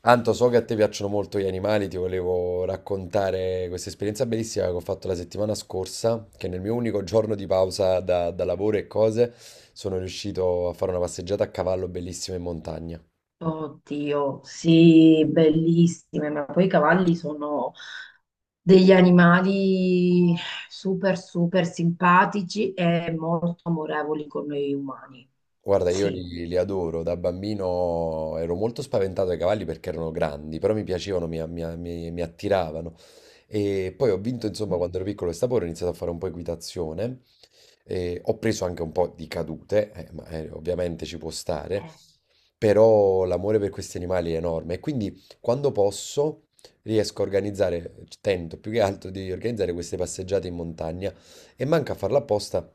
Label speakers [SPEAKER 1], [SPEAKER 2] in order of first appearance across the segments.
[SPEAKER 1] Anto, so che a te piacciono molto gli animali, ti volevo raccontare questa esperienza bellissima che ho fatto la settimana scorsa, che nel mio unico giorno di pausa da lavoro e cose sono riuscito a fare una passeggiata a cavallo bellissima in montagna.
[SPEAKER 2] Oddio, sì, bellissime, ma poi i cavalli sono degli animali super, super simpatici e molto amorevoli con noi umani.
[SPEAKER 1] Guarda, io
[SPEAKER 2] Sì.
[SPEAKER 1] li adoro, da bambino ero molto spaventato dai cavalli perché erano grandi, però mi piacevano, mi attiravano. E poi ho vinto, insomma,
[SPEAKER 2] Mm.
[SPEAKER 1] quando ero piccolo questa porra, ho iniziato a fare un po' equitazione. E ho preso anche un po' di cadute, ma ovviamente ci può stare,
[SPEAKER 2] Eh.
[SPEAKER 1] però l'amore per questi animali è enorme. E quindi quando posso riesco a organizzare, tento più che altro di organizzare queste passeggiate in montagna e manca a farla apposta.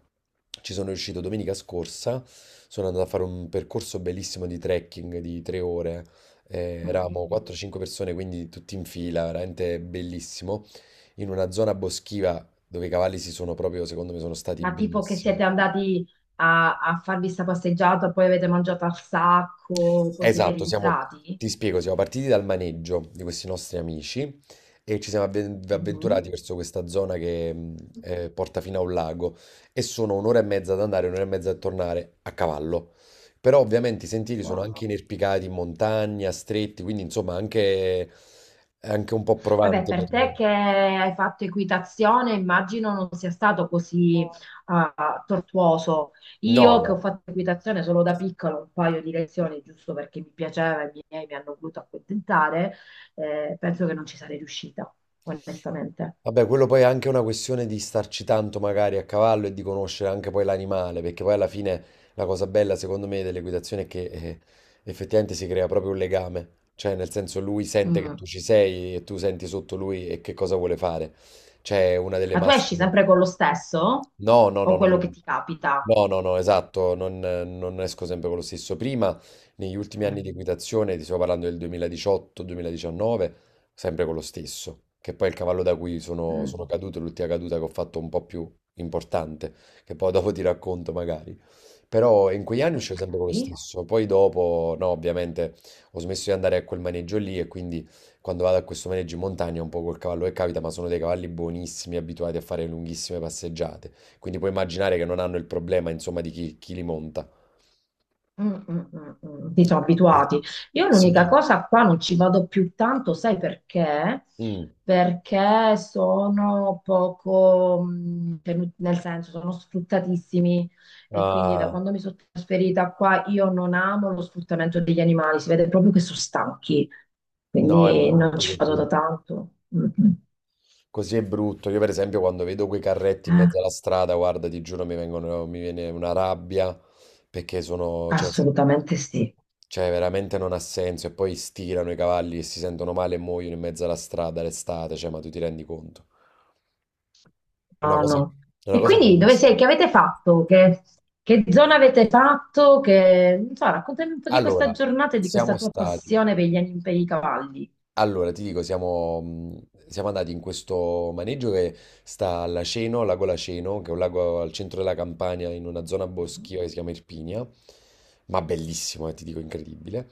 [SPEAKER 1] Ci sono riuscito domenica scorsa, sono andato a fare un percorso bellissimo di trekking di 3 ore.
[SPEAKER 2] Mm.
[SPEAKER 1] Eravamo
[SPEAKER 2] Mm.
[SPEAKER 1] 4-5 persone, quindi tutti in fila, veramente bellissimo in una zona boschiva dove i cavalli si sono proprio, secondo me, sono stati
[SPEAKER 2] Ma tipo che
[SPEAKER 1] benissimo.
[SPEAKER 2] siete andati a farvi sta passeggiata, poi avete mangiato al sacco, poi siete
[SPEAKER 1] Esatto, siamo,
[SPEAKER 2] rientrati?
[SPEAKER 1] ti spiego, siamo partiti dal maneggio di questi nostri amici e ci siamo avven-
[SPEAKER 2] Mhm.
[SPEAKER 1] avventurati verso questa zona che porta fino a un lago e sono un'ora e mezza ad andare, un'ora e mezza a tornare a cavallo. Però ovviamente i sentieri sono anche
[SPEAKER 2] Wow.
[SPEAKER 1] inerpicati in montagna, stretti, quindi insomma anche, un po'
[SPEAKER 2] Vabbè,
[SPEAKER 1] provante per...
[SPEAKER 2] per te che hai fatto equitazione, immagino non sia stato così tortuoso.
[SPEAKER 1] No,
[SPEAKER 2] Io che
[SPEAKER 1] no.
[SPEAKER 2] ho fatto equitazione solo da piccola, un paio di lezioni, giusto perché mi piaceva e i miei mi hanno voluto accontentare, penso che non ci sarei riuscita, onestamente.
[SPEAKER 1] Vabbè, quello poi è anche una questione di starci tanto magari a cavallo e di conoscere anche poi l'animale, perché poi alla fine la cosa bella secondo me dell'equitazione è che effettivamente si crea proprio un legame, cioè nel senso lui sente che
[SPEAKER 2] Mm.
[SPEAKER 1] tu ci sei e tu senti sotto lui e che cosa vuole fare. Cioè una delle
[SPEAKER 2] Ma tu esci
[SPEAKER 1] massime.
[SPEAKER 2] sempre con lo stesso
[SPEAKER 1] No, no,
[SPEAKER 2] o
[SPEAKER 1] no, no,
[SPEAKER 2] quello che
[SPEAKER 1] no.
[SPEAKER 2] ti capita?
[SPEAKER 1] No, no, no, esatto, non esco sempre con lo stesso. Prima, negli ultimi anni
[SPEAKER 2] Eh,
[SPEAKER 1] di equitazione, ti sto parlando del 2018-2019, sempre con lo stesso, che poi è il cavallo da cui sono,
[SPEAKER 2] mm,
[SPEAKER 1] sono caduto, l'ultima caduta che ho fatto un po' più importante, che poi dopo ti racconto magari. Però in quegli anni uscivo
[SPEAKER 2] ok.
[SPEAKER 1] sempre con lo stesso, poi dopo, no, ovviamente ho smesso di andare a quel maneggio lì e quindi quando vado a questo maneggio in montagna è un po' col cavallo che capita, ma sono dei cavalli buonissimi, abituati a fare lunghissime passeggiate, quindi puoi immaginare che non hanno il problema, insomma, di chi li monta.
[SPEAKER 2] Mm, mm, mm, mm. Ti sono
[SPEAKER 1] Eh,
[SPEAKER 2] abituati. Io
[SPEAKER 1] Sì.
[SPEAKER 2] l'unica cosa qua non ci vado più tanto, sai perché?
[SPEAKER 1] Mm.
[SPEAKER 2] Perché sono poco, nel senso, sono sfruttatissimi e quindi da
[SPEAKER 1] Ah,
[SPEAKER 2] quando mi sono trasferita qua io non amo lo sfruttamento degli animali, si vede proprio che sono stanchi,
[SPEAKER 1] no, è
[SPEAKER 2] quindi non
[SPEAKER 1] brutto
[SPEAKER 2] ci vado
[SPEAKER 1] così.
[SPEAKER 2] da tanto. Mm, mm.
[SPEAKER 1] Così è brutto. Io, per esempio, quando vedo quei carretti in
[SPEAKER 2] Eh,
[SPEAKER 1] mezzo alla strada, guarda, ti giuro, mi viene una rabbia perché sono, cioè,
[SPEAKER 2] assolutamente sì.
[SPEAKER 1] cioè, veramente non ha senso. E poi stirano i cavalli e si sentono male e muoiono in mezzo alla strada l'estate. Cioè, ma tu ti rendi conto? Una
[SPEAKER 2] No,
[SPEAKER 1] cosa,
[SPEAKER 2] no.
[SPEAKER 1] è una
[SPEAKER 2] E
[SPEAKER 1] cosa
[SPEAKER 2] quindi dove
[SPEAKER 1] gravissima.
[SPEAKER 2] sei? Che avete fatto? Che zona avete fatto? Che, non so, raccontami un po' di questa
[SPEAKER 1] Allora,
[SPEAKER 2] giornata e di
[SPEAKER 1] siamo
[SPEAKER 2] questa tua
[SPEAKER 1] stati.
[SPEAKER 2] passione per i cavalli.
[SPEAKER 1] Allora, ti dico, siamo, siamo andati in questo maneggio che sta a Laceno, al lago Laceno, che è un lago al centro della Campania, in una zona boschiva che si chiama Irpinia, ma bellissimo, ti dico, incredibile.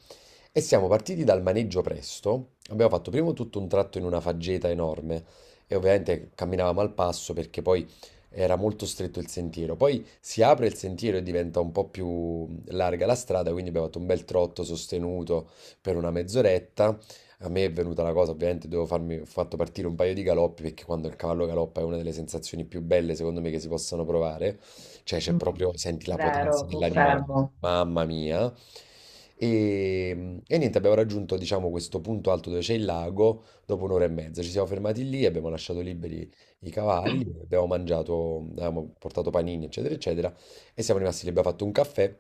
[SPEAKER 1] E siamo partiti dal maneggio presto, abbiamo fatto prima tutto un tratto in una faggeta enorme e ovviamente camminavamo al passo perché poi era molto stretto il sentiero, poi si apre il sentiero e diventa un po' più larga la strada, quindi abbiamo fatto un bel trotto sostenuto per una mezz'oretta. A me è venuta la cosa, ovviamente devo farmi, ho fatto partire un paio di galoppi perché quando il cavallo galoppa è una delle sensazioni più belle secondo me che si possano provare, cioè c'è
[SPEAKER 2] Mm,
[SPEAKER 1] proprio, senti la potenza
[SPEAKER 2] vero,
[SPEAKER 1] dell'animale,
[SPEAKER 2] confermo.
[SPEAKER 1] mamma mia. E niente, abbiamo raggiunto diciamo questo punto alto dove c'è il lago dopo un'ora e mezza, ci siamo fermati lì, abbiamo lasciato liberi i cavalli, abbiamo mangiato, abbiamo portato panini eccetera eccetera e siamo rimasti lì, abbiamo fatto un caffè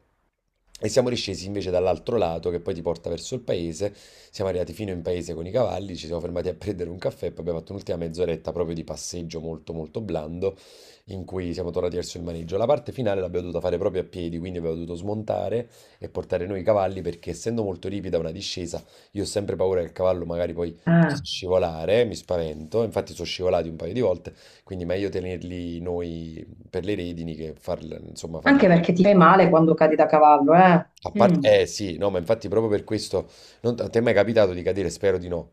[SPEAKER 1] e siamo riscesi invece dall'altro lato che poi ti porta verso il paese. Siamo arrivati fino in paese con i cavalli, ci siamo fermati a prendere un caffè, poi abbiamo fatto un'ultima mezz'oretta proprio di passeggio molto molto blando in cui siamo tornati verso il maneggio. La parte finale l'abbiamo dovuta fare proprio a piedi, quindi abbiamo dovuto smontare e portare noi i cavalli perché essendo molto ripida una discesa, io ho sempre paura che il cavallo magari poi
[SPEAKER 2] Eh,
[SPEAKER 1] possa scivolare, mi spavento, infatti sono scivolati un paio di volte quindi meglio tenerli noi per le redini che farli, insomma,
[SPEAKER 2] Anche
[SPEAKER 1] farli...
[SPEAKER 2] perché ti fai male quando cadi da cavallo, eh?
[SPEAKER 1] A
[SPEAKER 2] Mm.
[SPEAKER 1] parte... Eh sì, no, ma infatti proprio per questo... non- A te è mai capitato di cadere? Spero di no.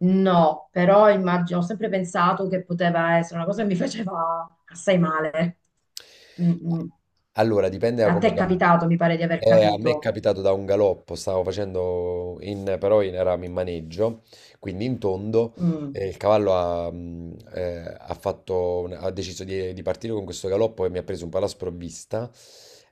[SPEAKER 2] No, però immagino, ho sempre pensato che poteva essere una cosa che mi faceva assai male. Mm, mm.
[SPEAKER 1] Allora, dipende da
[SPEAKER 2] A te
[SPEAKER 1] come
[SPEAKER 2] è
[SPEAKER 1] cade.
[SPEAKER 2] capitato, mi pare di aver
[SPEAKER 1] A me è
[SPEAKER 2] capito.
[SPEAKER 1] capitato da un galoppo, stavo facendo in, però in, eravamo in maneggio, quindi in tondo,
[SPEAKER 2] Mm.
[SPEAKER 1] e il cavallo ha ha deciso di partire con questo galoppo e mi ha preso un po' alla sprovvista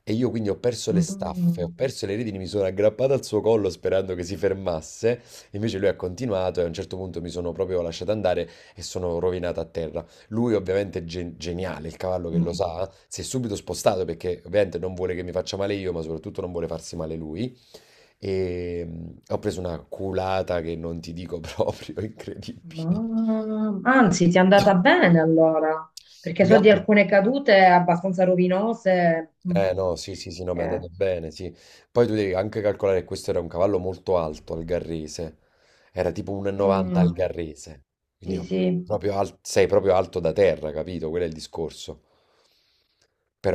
[SPEAKER 1] e io quindi ho perso le
[SPEAKER 2] Mm,
[SPEAKER 1] staffe, ho
[SPEAKER 2] mm.
[SPEAKER 1] perso le redini, mi sono aggrappato al suo collo sperando che si fermasse, invece lui ha continuato e a un certo punto mi sono proprio lasciato andare e sono rovinato a terra. Lui ovviamente è geniale, il cavallo che lo
[SPEAKER 2] Mm.
[SPEAKER 1] sa, si è subito spostato perché ovviamente non vuole che mi faccia male io, ma soprattutto non vuole farsi male lui. E ho preso una culata che non ti dico proprio, incredibile.
[SPEAKER 2] Anzi, ti è andata bene allora, perché
[SPEAKER 1] Più che
[SPEAKER 2] so di
[SPEAKER 1] altro
[SPEAKER 2] alcune cadute abbastanza rovinose. Mm.
[SPEAKER 1] eh no, sì, sì, sì, no, mi è
[SPEAKER 2] Eh,
[SPEAKER 1] andato bene, sì. Poi tu devi anche calcolare che questo era un cavallo molto alto al Garrese, era tipo 1,90 al
[SPEAKER 2] mm,
[SPEAKER 1] Garrese, quindi
[SPEAKER 2] sì,
[SPEAKER 1] io
[SPEAKER 2] sì.
[SPEAKER 1] proprio al- sei proprio alto da terra, capito? Quello è il discorso.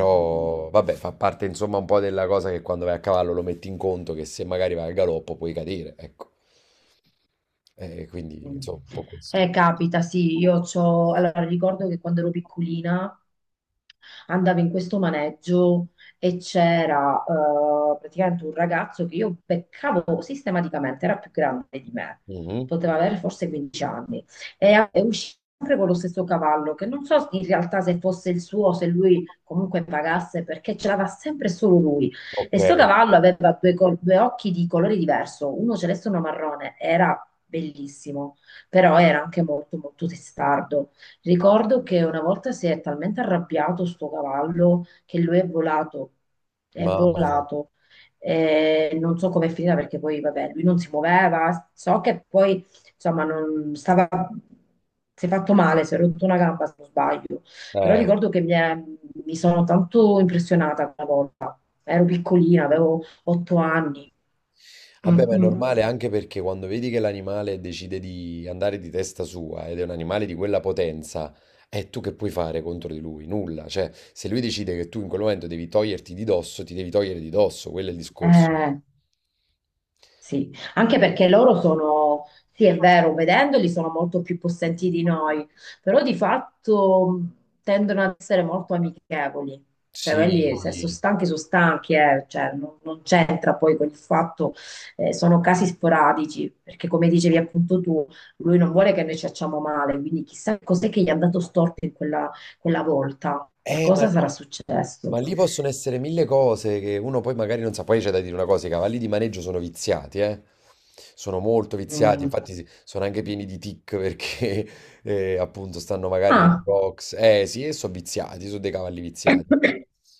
[SPEAKER 2] Mm. Mm.
[SPEAKER 1] vabbè, fa parte insomma un po' della cosa che quando vai a cavallo lo metti in conto che se magari vai al galoppo puoi cadere, ecco. E quindi
[SPEAKER 2] Mm.
[SPEAKER 1] insomma un po' questo.
[SPEAKER 2] Capita, sì, io c'ho... Allora, ricordo che quando ero piccolina andavo in questo maneggio e c'era praticamente un ragazzo che io beccavo sistematicamente, era più grande di me,
[SPEAKER 1] Mhm.
[SPEAKER 2] poteva avere forse 15 anni, e usciva sempre con lo stesso cavallo, che non so in realtà se fosse il suo, se lui comunque pagasse, perché ce l'aveva sempre solo lui.
[SPEAKER 1] Ok,
[SPEAKER 2] E sto cavallo aveva due occhi di colore diverso, uno celeste e uno marrone, era bellissimo, però era anche molto molto testardo. Ricordo che una volta si è talmente arrabbiato sto cavallo che lui è volato, è
[SPEAKER 1] mamma mia.
[SPEAKER 2] volato. E non so com'è finita perché poi vabbè, lui non si muoveva, so che poi insomma non stava, si è fatto male, si è rotto una gamba se non sbaglio, però
[SPEAKER 1] Eh.
[SPEAKER 2] ricordo che mi sono tanto impressionata quella volta. Ero piccolina, avevo 8 anni.
[SPEAKER 1] Vabbè,
[SPEAKER 2] Mm,
[SPEAKER 1] ma è
[SPEAKER 2] mm.
[SPEAKER 1] normale anche perché quando vedi che l'animale decide di andare di testa sua ed è un animale di quella potenza, è tu che puoi fare contro di lui? Nulla. Cioè, se lui decide che tu in quel momento devi toglierti di dosso, ti devi togliere di dosso, quello è il discorso.
[SPEAKER 2] Eh, sì, anche perché loro sono, sì, è vero, vedendoli sono molto più possenti di noi, però di fatto tendono ad essere molto amichevoli. Cioè,
[SPEAKER 1] Sì.
[SPEAKER 2] quelli se sono stanchi, sono stanchi, cioè, non c'entra poi con il fatto, sono casi sporadici, perché come dicevi appunto tu, lui non vuole che noi ci facciamo male, quindi chissà cos'è che gli è andato storto in quella volta, qualcosa sarà successo.
[SPEAKER 1] Ma lì possono essere mille cose che uno poi magari non sa. Poi c'è da dire una cosa, i cavalli di maneggio sono viziati, eh. Sono molto viziati,
[SPEAKER 2] Mm.
[SPEAKER 1] infatti sono anche pieni di tic perché appunto stanno magari nei
[SPEAKER 2] Ah.
[SPEAKER 1] box. Eh sì, e sono viziati, sono dei cavalli viziati.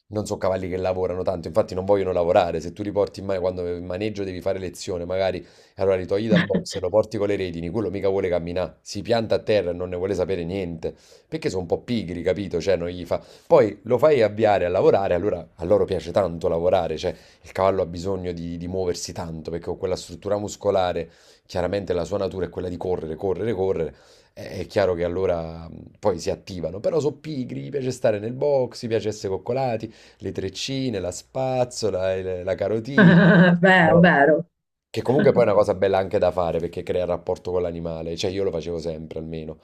[SPEAKER 1] Non sono cavalli che lavorano tanto, infatti non vogliono lavorare. Se tu li porti quando in maneggio devi fare lezione, magari allora li togli dal box e lo porti con le redini, quello mica vuole camminare, si pianta a terra e non ne vuole sapere niente, perché sono un po' pigri, capito? Cioè non gli fa poi lo fai avviare a lavorare, allora a loro piace tanto lavorare, cioè il cavallo ha bisogno di muoversi tanto perché con quella struttura muscolare, chiaramente la sua natura è quella di correre, correre, correre, è chiaro che allora poi si attivano, però sono pigri, gli piace stare nel box, gli piace essere coccolati, le treccine, la spazzola, il- la carotina.
[SPEAKER 2] Vero,
[SPEAKER 1] Eh.
[SPEAKER 2] vero.
[SPEAKER 1] Che comunque poi è una cosa bella anche da fare perché crea il rapporto con l'animale, cioè io lo facevo sempre almeno.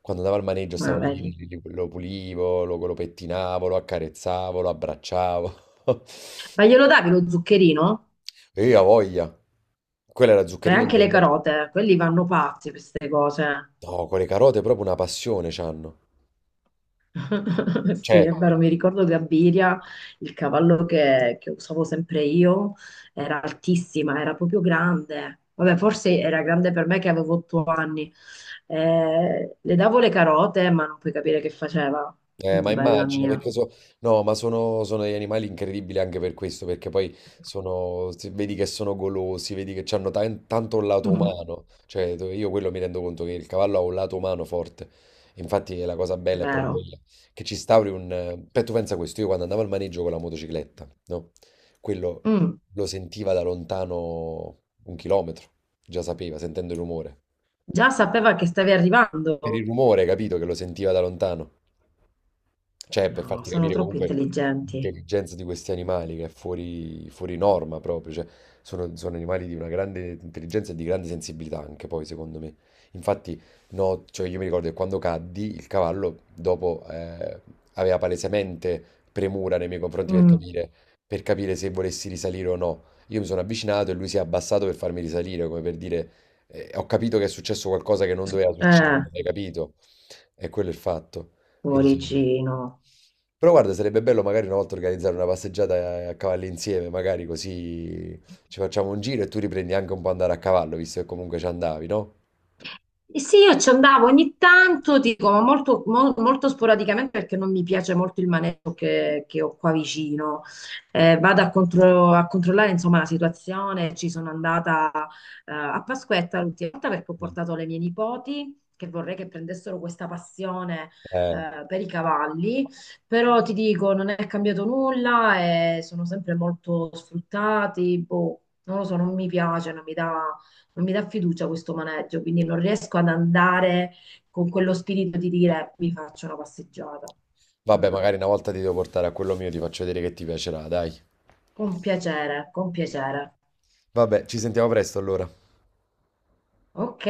[SPEAKER 1] Quando andavo al maneggio
[SPEAKER 2] Ma
[SPEAKER 1] stavo lì,
[SPEAKER 2] vedi.
[SPEAKER 1] lo pulivo, lo pettinavo, lo accarezzavo, lo abbracciavo.
[SPEAKER 2] Ma glielo davi lo zuccherino?
[SPEAKER 1] E io ho voglia. Quello era
[SPEAKER 2] E
[SPEAKER 1] zuccherino di
[SPEAKER 2] anche
[SPEAKER 1] per
[SPEAKER 2] le
[SPEAKER 1] me.
[SPEAKER 2] carote, quelli vanno pazzi per queste cose.
[SPEAKER 1] No, con le carote proprio una passione c'hanno.
[SPEAKER 2] Sì,
[SPEAKER 1] Cioè,
[SPEAKER 2] è vero, mi ricordo Gabiria, il cavallo che usavo sempre io, era altissima, era proprio grande. Vabbè, forse era grande per me che avevo 8 anni. Le davo le carote, ma non puoi capire che faceva.
[SPEAKER 1] eh, ma
[SPEAKER 2] Bella
[SPEAKER 1] immagino
[SPEAKER 2] mia.
[SPEAKER 1] perché no, ma sono, degli animali incredibili anche per questo, perché poi sono, se vedi che sono golosi, vedi che hanno tanto un lato umano, cioè io quello mi rendo conto che il cavallo ha un lato umano forte, infatti la cosa bella è proprio
[SPEAKER 2] Vero.
[SPEAKER 1] quella, che ci stauri un... Beh, tu pensa questo, io quando andavo al maneggio con la motocicletta, no? Quello
[SPEAKER 2] Mm.
[SPEAKER 1] lo sentiva da lontano un chilometro, già sapeva, sentendo il rumore,
[SPEAKER 2] Già sapeva che stavi
[SPEAKER 1] per il
[SPEAKER 2] arrivando.
[SPEAKER 1] rumore, capito, che lo sentiva da lontano. Cioè, per
[SPEAKER 2] No,
[SPEAKER 1] farti
[SPEAKER 2] sono
[SPEAKER 1] capire
[SPEAKER 2] troppo
[SPEAKER 1] comunque
[SPEAKER 2] intelligenti.
[SPEAKER 1] l'intelligenza di questi animali che è fuori, fuori norma proprio, cioè, sono, sono animali di una grande intelligenza e di grande sensibilità anche poi, secondo me. Infatti, no, cioè io mi ricordo che quando caddi, il cavallo dopo aveva palesemente premura nei miei confronti
[SPEAKER 2] Mm.
[SPEAKER 1] per capire se volessi risalire o no. Io mi sono avvicinato e lui si è abbassato per farmi risalire, come per dire, ho capito che è successo qualcosa che non doveva
[SPEAKER 2] Eh,
[SPEAKER 1] succedere, hai capito? E quello è il fatto. Quindi
[SPEAKER 2] cuoricino.
[SPEAKER 1] però guarda, sarebbe bello magari una volta organizzare una passeggiata a cavallo insieme, magari così ci facciamo un giro e tu riprendi anche un po' andare a cavallo, visto che comunque ci andavi, no?
[SPEAKER 2] Eh sì, io ci andavo ogni tanto, dico, ma molto sporadicamente perché non mi piace molto il maneggio che ho qua vicino. Vado a controllare insomma la situazione. Ci sono andata a Pasquetta l'ultima volta perché ho
[SPEAKER 1] Mm.
[SPEAKER 2] portato le mie nipoti che vorrei che prendessero questa passione
[SPEAKER 1] Eh,
[SPEAKER 2] per i cavalli, però ti dico, non è cambiato nulla e sono sempre molto sfruttati. Boh, non lo so, non mi piace, non mi dà fiducia questo maneggio, quindi non riesco ad andare con quello spirito di dire mi faccio una passeggiata.
[SPEAKER 1] vabbè,
[SPEAKER 2] Mm.
[SPEAKER 1] magari una volta ti devo portare a quello mio, ti faccio vedere che ti piacerà, dai.
[SPEAKER 2] Con piacere, con piacere.
[SPEAKER 1] Vabbè, ci sentiamo presto allora.
[SPEAKER 2] Ok.